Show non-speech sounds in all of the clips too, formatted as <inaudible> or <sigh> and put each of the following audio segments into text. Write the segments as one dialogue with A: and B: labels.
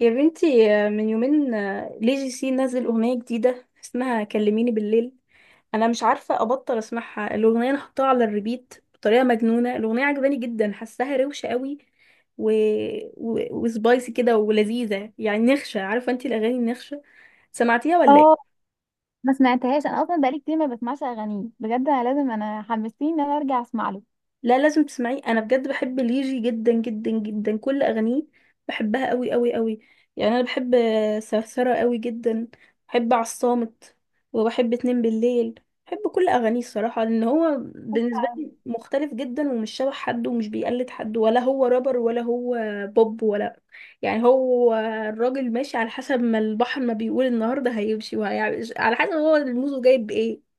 A: يا بنتي من يومين لي جي سي نزل أغنية جديدة اسمها كلميني بالليل. أنا مش عارفة أبطل أسمعها، الأغنية أنا حطاها على الريبيت بطريقة مجنونة، الأغنية عجباني جدا حاساها روشة قوي و... و... وسبايسي كده ولذيذة، يعني نخشة، عارفة أنتي الأغاني النخشة؟ سمعتيها ولا إيه؟
B: اه، ما سمعتهاش. انا اصلا بقالي كتير ما بسمعش اغانيه بجد. انا لازم حمستني ان انا ارجع اسمع له.
A: لا لازم تسمعيه، انا بجد بحب ليجي جدا جدا جدا، كل اغانيه بحبها قوي قوي قوي. يعني انا بحب سرسرة قوي جدا، بحب عالصامت، وبحب اتنين بالليل، بحب كل اغانيه الصراحة، لان هو بالنسبة لي مختلف جدا ومش شبه حد ومش بيقلد حد، ولا هو رابر ولا هو بوب ولا، يعني هو الراجل ماشي على حسب ما البحر ما بيقول النهارده هيمشي، وهيعمل على حسب هو الموزه جايب ايه.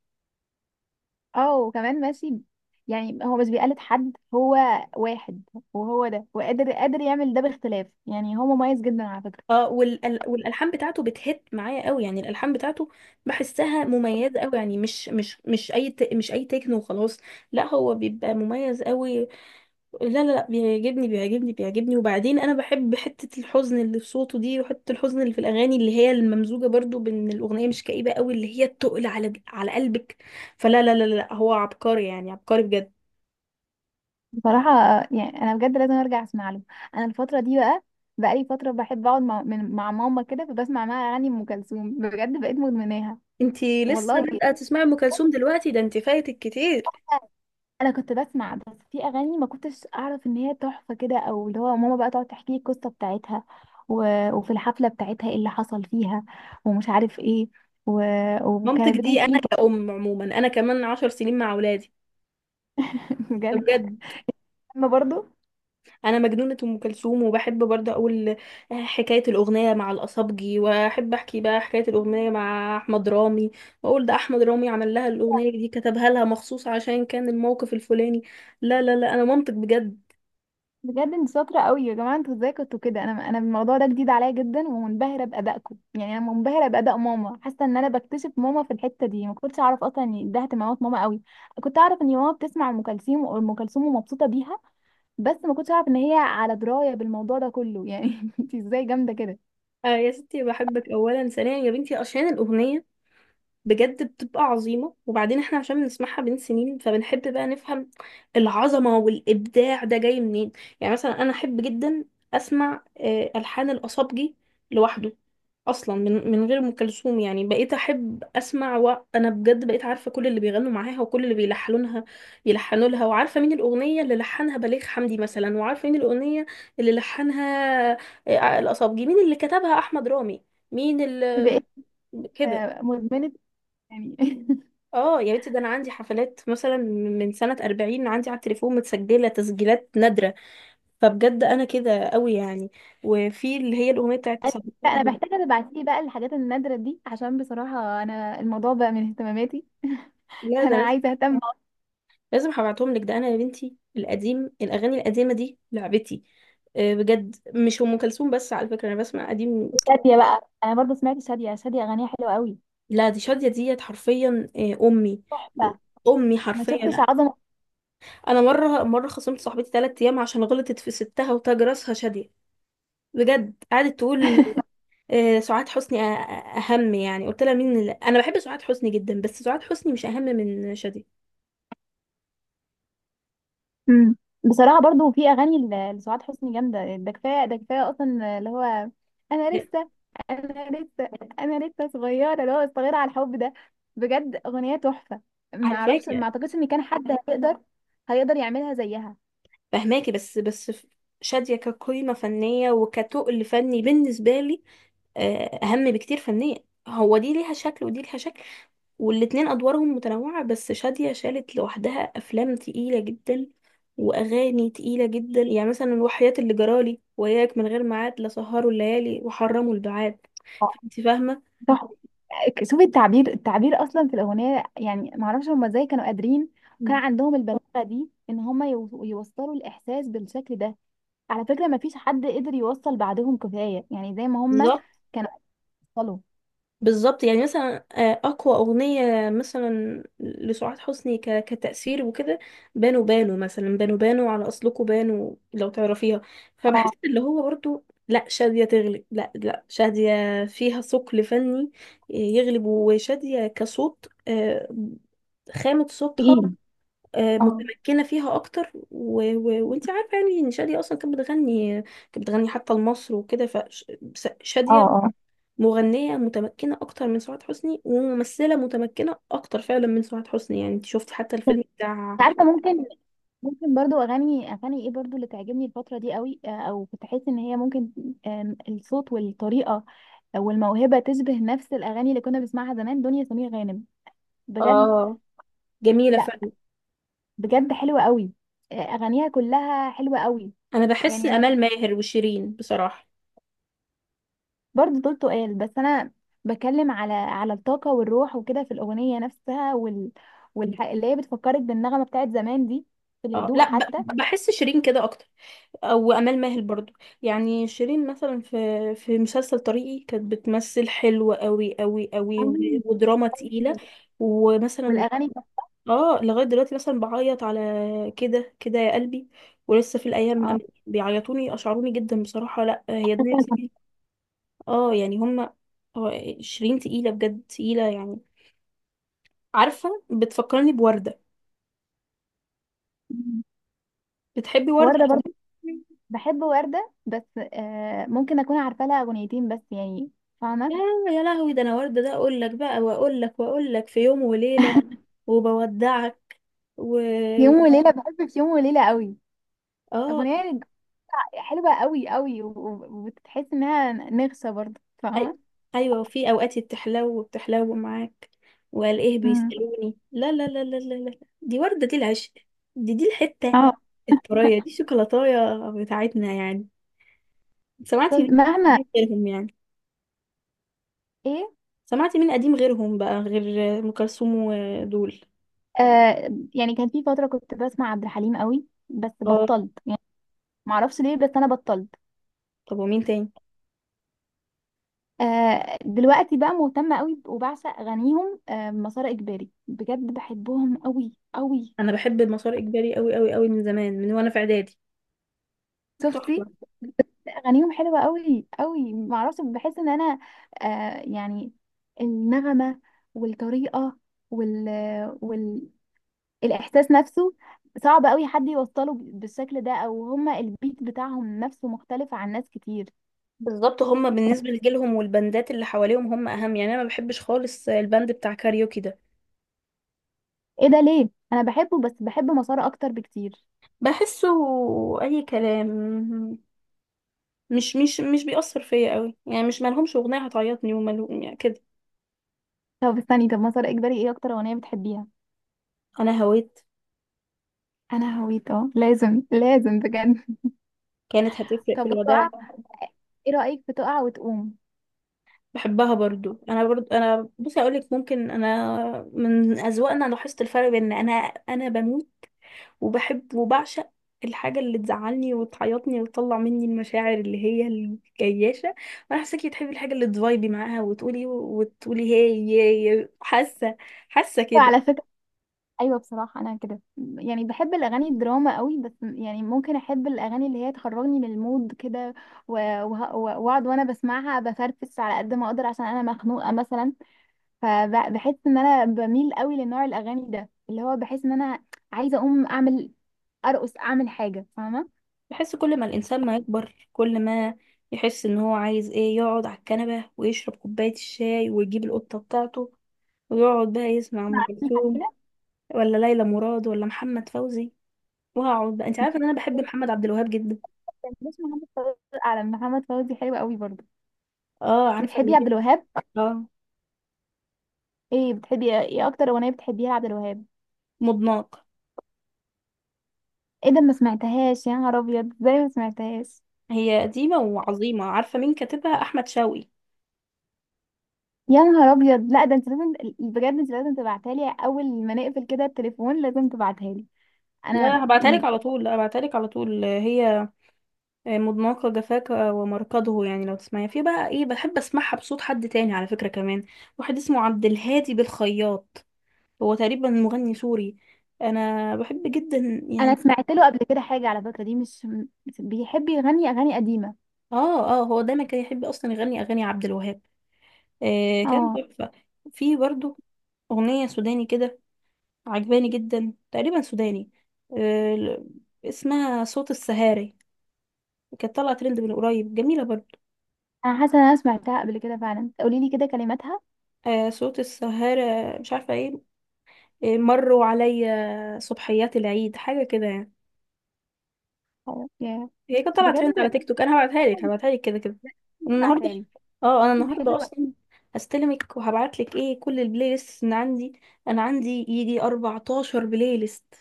B: اه، وكمان ماشي. يعني هو مش بيقلد حد، هو واحد، وهو ده، وقادر قادر يعمل ده باختلاف. يعني هو مميز جدا على فكرة.
A: اه والال... والالحان بتاعته بتهت معايا قوي، يعني الالحان بتاعته بحسها مميزه قوي، يعني مش مش اي تكنو وخلاص، لا هو بيبقى مميز قوي. لا لا لا بيعجبني بيعجبني بيعجبني، وبعدين انا بحب حته الحزن اللي في صوته دي، وحته الحزن اللي في الاغاني اللي هي الممزوجه برضو بان الاغنيه مش كئيبه قوي، اللي هي التقل على على قلبك، فلا لا لا لا هو عبقري يعني عبقري بجد.
B: بصراحة، يعني انا بجد لازم ارجع اسمع له. انا الفترة دي بقى، بقالي فترة بحب اقعد مع ماما كده، فبسمع معاها اغاني ام كلثوم، بجد بقيت مدمناها.
A: انتي لسه
B: والله.
A: بادئه تسمعي ام كلثوم دلوقتي؟ ده انتي فايتك كتير.
B: انا كنت بسمع بس في اغاني ما كنتش اعرف ان هي تحفه كده، او اللي هو ماما بقى تقعد تحكي لي القصه بتاعتها. و... وفي الحفله بتاعتها ايه اللي حصل فيها، ومش عارف ايه. و...
A: مامتك
B: وكانت
A: دي
B: بتحكي
A: انا
B: لي. <laughs>
A: كأم عموما انا كمان 10 سنين مع اولادي،
B: كلام بجد.
A: بجد
B: انا برضو.
A: انا مجنونه ام كلثوم، وبحب برضه اقول حكايه الاغنيه مع الاصابجي، واحب احكي بقى حكايه الاغنيه مع احمد رامي، واقول ده احمد رامي عمل لها الاغنيه دي كتبها لها مخصوص عشان كان الموقف الفلاني. لا لا لا انا مامتك بجد.
B: بجد انت شاطره قوي يا جماعه، انتوا ازاي كنتوا كده؟ انا الموضوع ده جديد عليا جدا، ومنبهره بادائكم، يعني انا منبهره باداء ماما، حاسه ان انا بكتشف ماما في الحته دي. ما كنتش اعرف اصلا ان ده اهتمامات ماما قوي. كنت اعرف ان ماما بتسمع ام كلثوم ومبسوطه بيها، بس ما كنتش اعرف ان هي على درايه بالموضوع ده كله يعني. <laughs> انت ازاي جامده كده؟
A: آه يا ستي بحبك، اولا ثانيا يا بنتي عشان الاغنيه بجد بتبقى عظيمة، وبعدين احنا عشان بنسمعها بين سنين فبنحب بقى نفهم العظمة والإبداع ده جاي منين. يعني مثلا أنا أحب جدا أسمع ألحان الأصابجي لوحده، أصلا من غير أم كلثوم، يعني بقيت أحب أسمع، وأنا بجد بقيت عارفة كل اللي بيغنوا معاها وكل اللي بيلحنونها يلحنوا لها، وعارفة مين الأغنية اللي لحنها بليغ حمدي مثلا، وعارفة مين الأغنية اللي لحنها الأصابجي، مين اللي كتبها أحمد رامي، مين اللي
B: بقيت
A: <laughs> كده.
B: مدمنه يعني. <laughs>
A: اه يا بنتي ده انا عندي حفلات مثلا من سنة 40، عندي على التليفون متسجلة تسجيلات نادرة، فبجد انا كده قوي يعني، وفي اللي هي الأغنية بتاعت
B: لا، انا
A: صدقها.
B: محتاجه تبعتي لي بقى الحاجات النادره دي، عشان بصراحه انا الموضوع بقى من اهتماماتي. <laughs>
A: لا ده
B: انا
A: أنا
B: عايزه اهتم.
A: لازم هبعتهم لك، ده انا يا بنتي القديم الأغاني القديمة دي لعبتي، بجد مش أم كلثوم بس على فكرة، انا بسمع قديم.
B: شاديه بقى، انا برضو سمعت شاديه. شاديه اغانيها حلوه قوي.
A: لا دي شادية ديت حرفيا أمي،
B: تحفه.
A: أمي
B: ما شفتش
A: حرفيا.
B: عظمه.
A: انا مرة خصمت صاحبتي 3 ايام عشان غلطت في ستها وتاج راسها شادية، بجد قعدت تقول سعاد حسني اهم، يعني قلت لها انا بحب سعاد حسني جدا، بس سعاد حسني مش اهم من شادية.
B: مم. بصراحة برضو في أغاني لسعاد حسني جامدة. ده كفاية، ده كفاية أصلا اللي هو، أنا
A: لا،
B: لسه أنا لسه أنا لسه صغيرة، اللي هو صغيرة على الحب ده. بجد أغنية تحفة. معرفش،
A: عارفاكي
B: ما أعتقدش إن كان حد هيقدر يعملها زيها.
A: فهماكي، شادية كقيمة فنية وكتقل فني بالنسبة لي اهم بكتير فنيا، هو دي ليها شكل ودي ليها شكل والاتنين ادوارهم متنوعة، بس شادية شالت لوحدها افلام تقيلة جدا واغاني تقيلة جدا، يعني مثلا وحياة اللي جرالي، وياك من غير ميعاد، لا سهروا الليالي وحرموا البعاد،
B: آه.
A: فانت فاهمة.
B: تحفة. شوفي التعبير، التعبير أصلا في الأغنية. يعني معرفش هما إزاي كانوا قادرين، وكان عندهم البلاغة دي إن هما يوصلوا الإحساس بالشكل ده. على فكرة ما فيش حد قدر يوصل بعدهم، كفاية يعني زي ما هما
A: بالظبط
B: كانوا يوصلوا.
A: بالظبط، يعني مثلا اقوى اغنيه مثلا لسعاد حسني كتاثير وكده بانو بانو، مثلا بانو بانو على اصلكوا بانو، لو تعرفيها، فبحس
B: اه،
A: اللي هو برضو لا شاديه تغلب، لا لا شاديه فيها ثقل فني يغلب، وشاديه كصوت خامه صوتها
B: تقيل. اه،
A: متمكنه فيها اكتر و... و... وانت عارفه يعني ان شاديه اصلا كانت بتغني كانت بتغني حتى لمصر وكده،
B: اه،
A: فشاديه
B: اه، أنت
A: مغنية متمكنة أكتر من سعاد حسني، وممثلة متمكنة أكتر فعلا من سعاد حسني، يعني انت شفت حتى الفيلم بتاع.
B: عارفه. ممكن برضو، اغاني ايه برضو اللي تعجبني الفتره دي قوي، او كنت احس ان هي ممكن، الصوت والطريقه والموهبه تشبه نفس الاغاني اللي كنا بنسمعها زمان، دنيا سمير غانم. بجد.
A: اه جميلة
B: لا،
A: فعلا.
B: بجد حلوه قوي. اغانيها كلها حلوه قوي.
A: أنا بحس
B: يعني انا
A: أمال ماهر وشيرين بصراحة.
B: برضو دول تقال، بس انا بتكلم على الطاقه والروح وكده في الاغنيه نفسها، اللي هي بتفكرك بالنغمه بتاعت زمان دي، في
A: اه
B: الهدوء
A: لا
B: حتى
A: بحس شيرين كده أكتر، أو أمال ماهر برضو، يعني شيرين مثلا في مسلسل طريقي كانت بتمثل حلوة قوي قوي قوي، و-
B: قوي.
A: ودراما تقيلة، ومثلا
B: والاغاني بتاعت-
A: اه لغاية دلوقتي مثلا بعيط على كده كده يا قلبي، ولسه في الأيام من
B: اه.
A: قبل بيعيطوني أشعروني جدا بصراحة، لأ هي دنيا سمير. اه يعني هما هو شيرين تقيلة بجد تقيلة يعني، عارفة بتفكرني بوردة.
B: مم.
A: بتحبي وردة
B: وردة برضه.
A: أصلاً؟
B: بحب وردة، بس ممكن اكون عارفة لها اغنيتين بس يعني.
A: يا
B: فاهمة؟
A: يا لهوي، ده أنا وردة ده أقول لك بقى، وأقول لك وأقول لك في يوم وليلة، وبودعك، و
B: يوم وليلة، بحب في يوم وليلة قوي.
A: اه
B: اغنية حلوة قوي قوي، وتحس انها نغصة برضه.
A: أي...
B: فاهمة؟
A: ايوه، وفي اوقات بتحلو بتحلو معاك والاقيه
B: مم.
A: بيسالوني، لا لا لا لا لا لا دي ورده، دي العشق، دي دي الحته
B: اه،
A: الطريه دي شوكولاتايه بتاعتنا يعني.
B: بس
A: سمعتي مين
B: مهما،
A: قديم غيرهم يعني،
B: ايه؟
A: سمعتي مين قديم غيرهم بقى غير ام كلثوم ودول؟
B: آه يعني كان في فترة كنت بسمع عبد الحليم قوي بس
A: اه
B: بطلت يعني. معرفش ليه، بس انا بطلت.
A: طب ومين تاني؟
B: دلوقتي بقى مهتمة قوي وبعشق اغانيهم. مسار اجباري بجد، بحبهم قوي قوي.
A: انا بحب المسار اجباري قوي قوي قوي من زمان، من وانا في اعدادي، تحفه.
B: شفتي؟ اغانيهم حلوه قوي قوي. معرفش، بحس ان انا يعني النغمه والطريقه وال وال الاحساس نفسه صعب قوي حد يوصله بالشكل ده، او هما البيت بتاعهم نفسه مختلف عن ناس كتير.
A: بالظبط هما بالنسبه لجيلهم والبندات اللي حواليهم هم اهم، يعني انا ما بحبش خالص البند بتاع كاريوكي ده،
B: ايه ده، ليه؟ انا بحبه، بس بحب مسار اكتر بكتير.
A: بحسه اي كلام، مش بيأثر فيا قوي، يعني مش مالهمش اغنيه هتعيطني وماله يعني كده.
B: طب استني، طب مسار اجباري ايه اكتر اغنيه بتحبيها؟
A: انا هويت،
B: انا هويت. اه، لازم لازم بجد.
A: كانت
B: <laughs>
A: هتفرق، في
B: طب
A: الوداع،
B: وتقع، ايه رايك في تقع وتقوم؟
A: بحبها برضو، انا برضو انا بصي اقول لك، ممكن انا من اذواقنا لاحظت الفرق، بين انا انا بموت وبحب وبعشق الحاجه اللي تزعلني وتعيطني وتطلع مني المشاعر اللي هي الجياشه، وانا حاساكي بتحبي الحاجه اللي تفايبي معاها وتقولي وتقولي هي هي هي. حاسه كده.
B: وعلى فكره، ايوه بصراحه انا كده. يعني بحب الاغاني الدراما قوي، بس يعني ممكن احب الاغاني اللي هي تخرجني من المود كده، و- واقعد وانا بسمعها بفرفس على قد ما اقدر، عشان انا مخنوقه مثلا. فبحس ان انا بميل قوي لنوع الاغاني ده، اللي هو بحس ان انا عايزه اقوم اعمل، ارقص، اعمل حاجه. فاهمه؟
A: بحس كل ما الإنسان ما يكبر، كل ما يحس إن هو عايز إيه يقعد على الكنبة ويشرب كوباية الشاي، ويجيب القطة بتاعته ويقعد بقى يسمع
B: مع،
A: أم
B: عارفين
A: كلثوم،
B: كده.
A: ولا ليلى مراد، ولا محمد فوزي، وهقعد بقى. أنت عارفة إن أنا بحب محمد عبد الوهاب جدا؟
B: كان اسمه محمد فوزي. على، محمد فوزي حلو قوي برضه.
A: آه عارفة اللي
B: بتحبي عبد
A: هي
B: الوهاب؟
A: آه
B: ايه بتحبي؟ ايه اكتر اغنيه بتحبيها لعبد الوهاب؟
A: مضناك،
B: ايه ده، ما سمعتهاش؟ يا نهار ابيض، ازاي ما سمعتهاش؟
A: هي قديمة وعظيمة، عارفة مين كاتبها؟ أحمد شوقي.
B: يا نهار ابيض. لا ده انت لازم، بجد انت لازم تبعتها لي اول ما نقفل كده التليفون، لازم تبعتها لي. انا
A: لا هبعتها لك
B: م-.
A: على طول لا هبعتها لك على طول، هي مضناك جفاك ومركضه، يعني لو تسمعيها، في بقى ايه بحب اسمعها بصوت حد تاني على فكرة، كمان واحد اسمه عبد الهادي بالخياط، هو تقريبا مغني سوري، انا بحب جدا
B: انا
A: يعني.
B: سمعت له قبل كده حاجه على فكره، دي مش م-. بيحب يغني اغاني قديمه.
A: اه اه هو دايما كان يحب اصلا يغني اغاني عبد الوهاب، آه كان
B: اه.
A: تحفة. في برضو اغنية سوداني كده عجباني جدا، تقريبا سوداني، آه اسمها صوت السهاري، كانت طالعة ترند من قريب، جميلة برضو،
B: انا حاسه ان انا سمعتها قبل كده فعلا، قولي لي كده كلماتها.
A: آه صوت السهارة، مش عارفة ايه مروا عليا صبحيات العيد، حاجة كده يعني،
B: أو- يا-.
A: هي كانت طالعة
B: بجد
A: ترند
B: انا،
A: على تيك توك، انا هبعتها لك كده كده. أنا
B: ممكن
A: النهاردة،
B: تبعتها لي؟
A: اه انا النهاردة
B: حلوه،
A: اصلا هستلمك وهبعت لك ايه كل البلاي ليست اللي عندي، انا عندي يجي 14 بلاي ليست،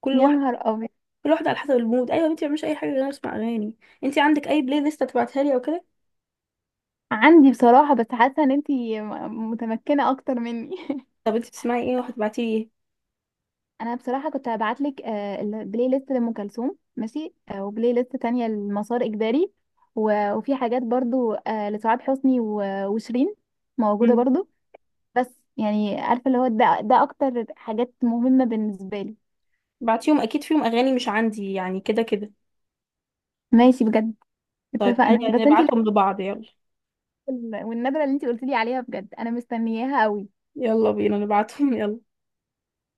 A: كل
B: يا
A: واحد،
B: نهار ابيض.
A: كل واحدة على حسب المود، ايوه انت مش اي حاجة غير اسمع اغاني، انت عندك اي بلاي ليست هتبعتها لي او كده؟
B: عندي بصراحه، بس حاسه ان انت متمكنه اكتر مني. <laughs>
A: طب انت بتسمعي ايه؟ وهتبعتي لي ايه؟
B: انا بصراحه كنت هبعت لك البلاي ليست لام كلثوم، ماشي، وبلاي ليست تانية لمسار اجباري، وفي حاجات برضو، لسعاد حسني، وشيرين موجوده
A: مم.
B: برضو. بس يعني عارفه، اللي هو ده اكتر حاجات مهمه بالنسبه لي.
A: بعتيهم اكيد فيهم اغاني مش عندي يعني كده كده.
B: ماشي بجد،
A: طيب تعالي
B: اتفقنا.
A: يعني
B: بس انتي
A: نبعتهم لبعض، يلا،
B: والنبره اللي انتي قلتي لي عليها، بجد انا مستنياها قوي.
A: يلا بينا نبعتهم <laughs> يلا.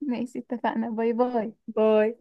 B: ماشي اتفقنا. باي باي.
A: باي.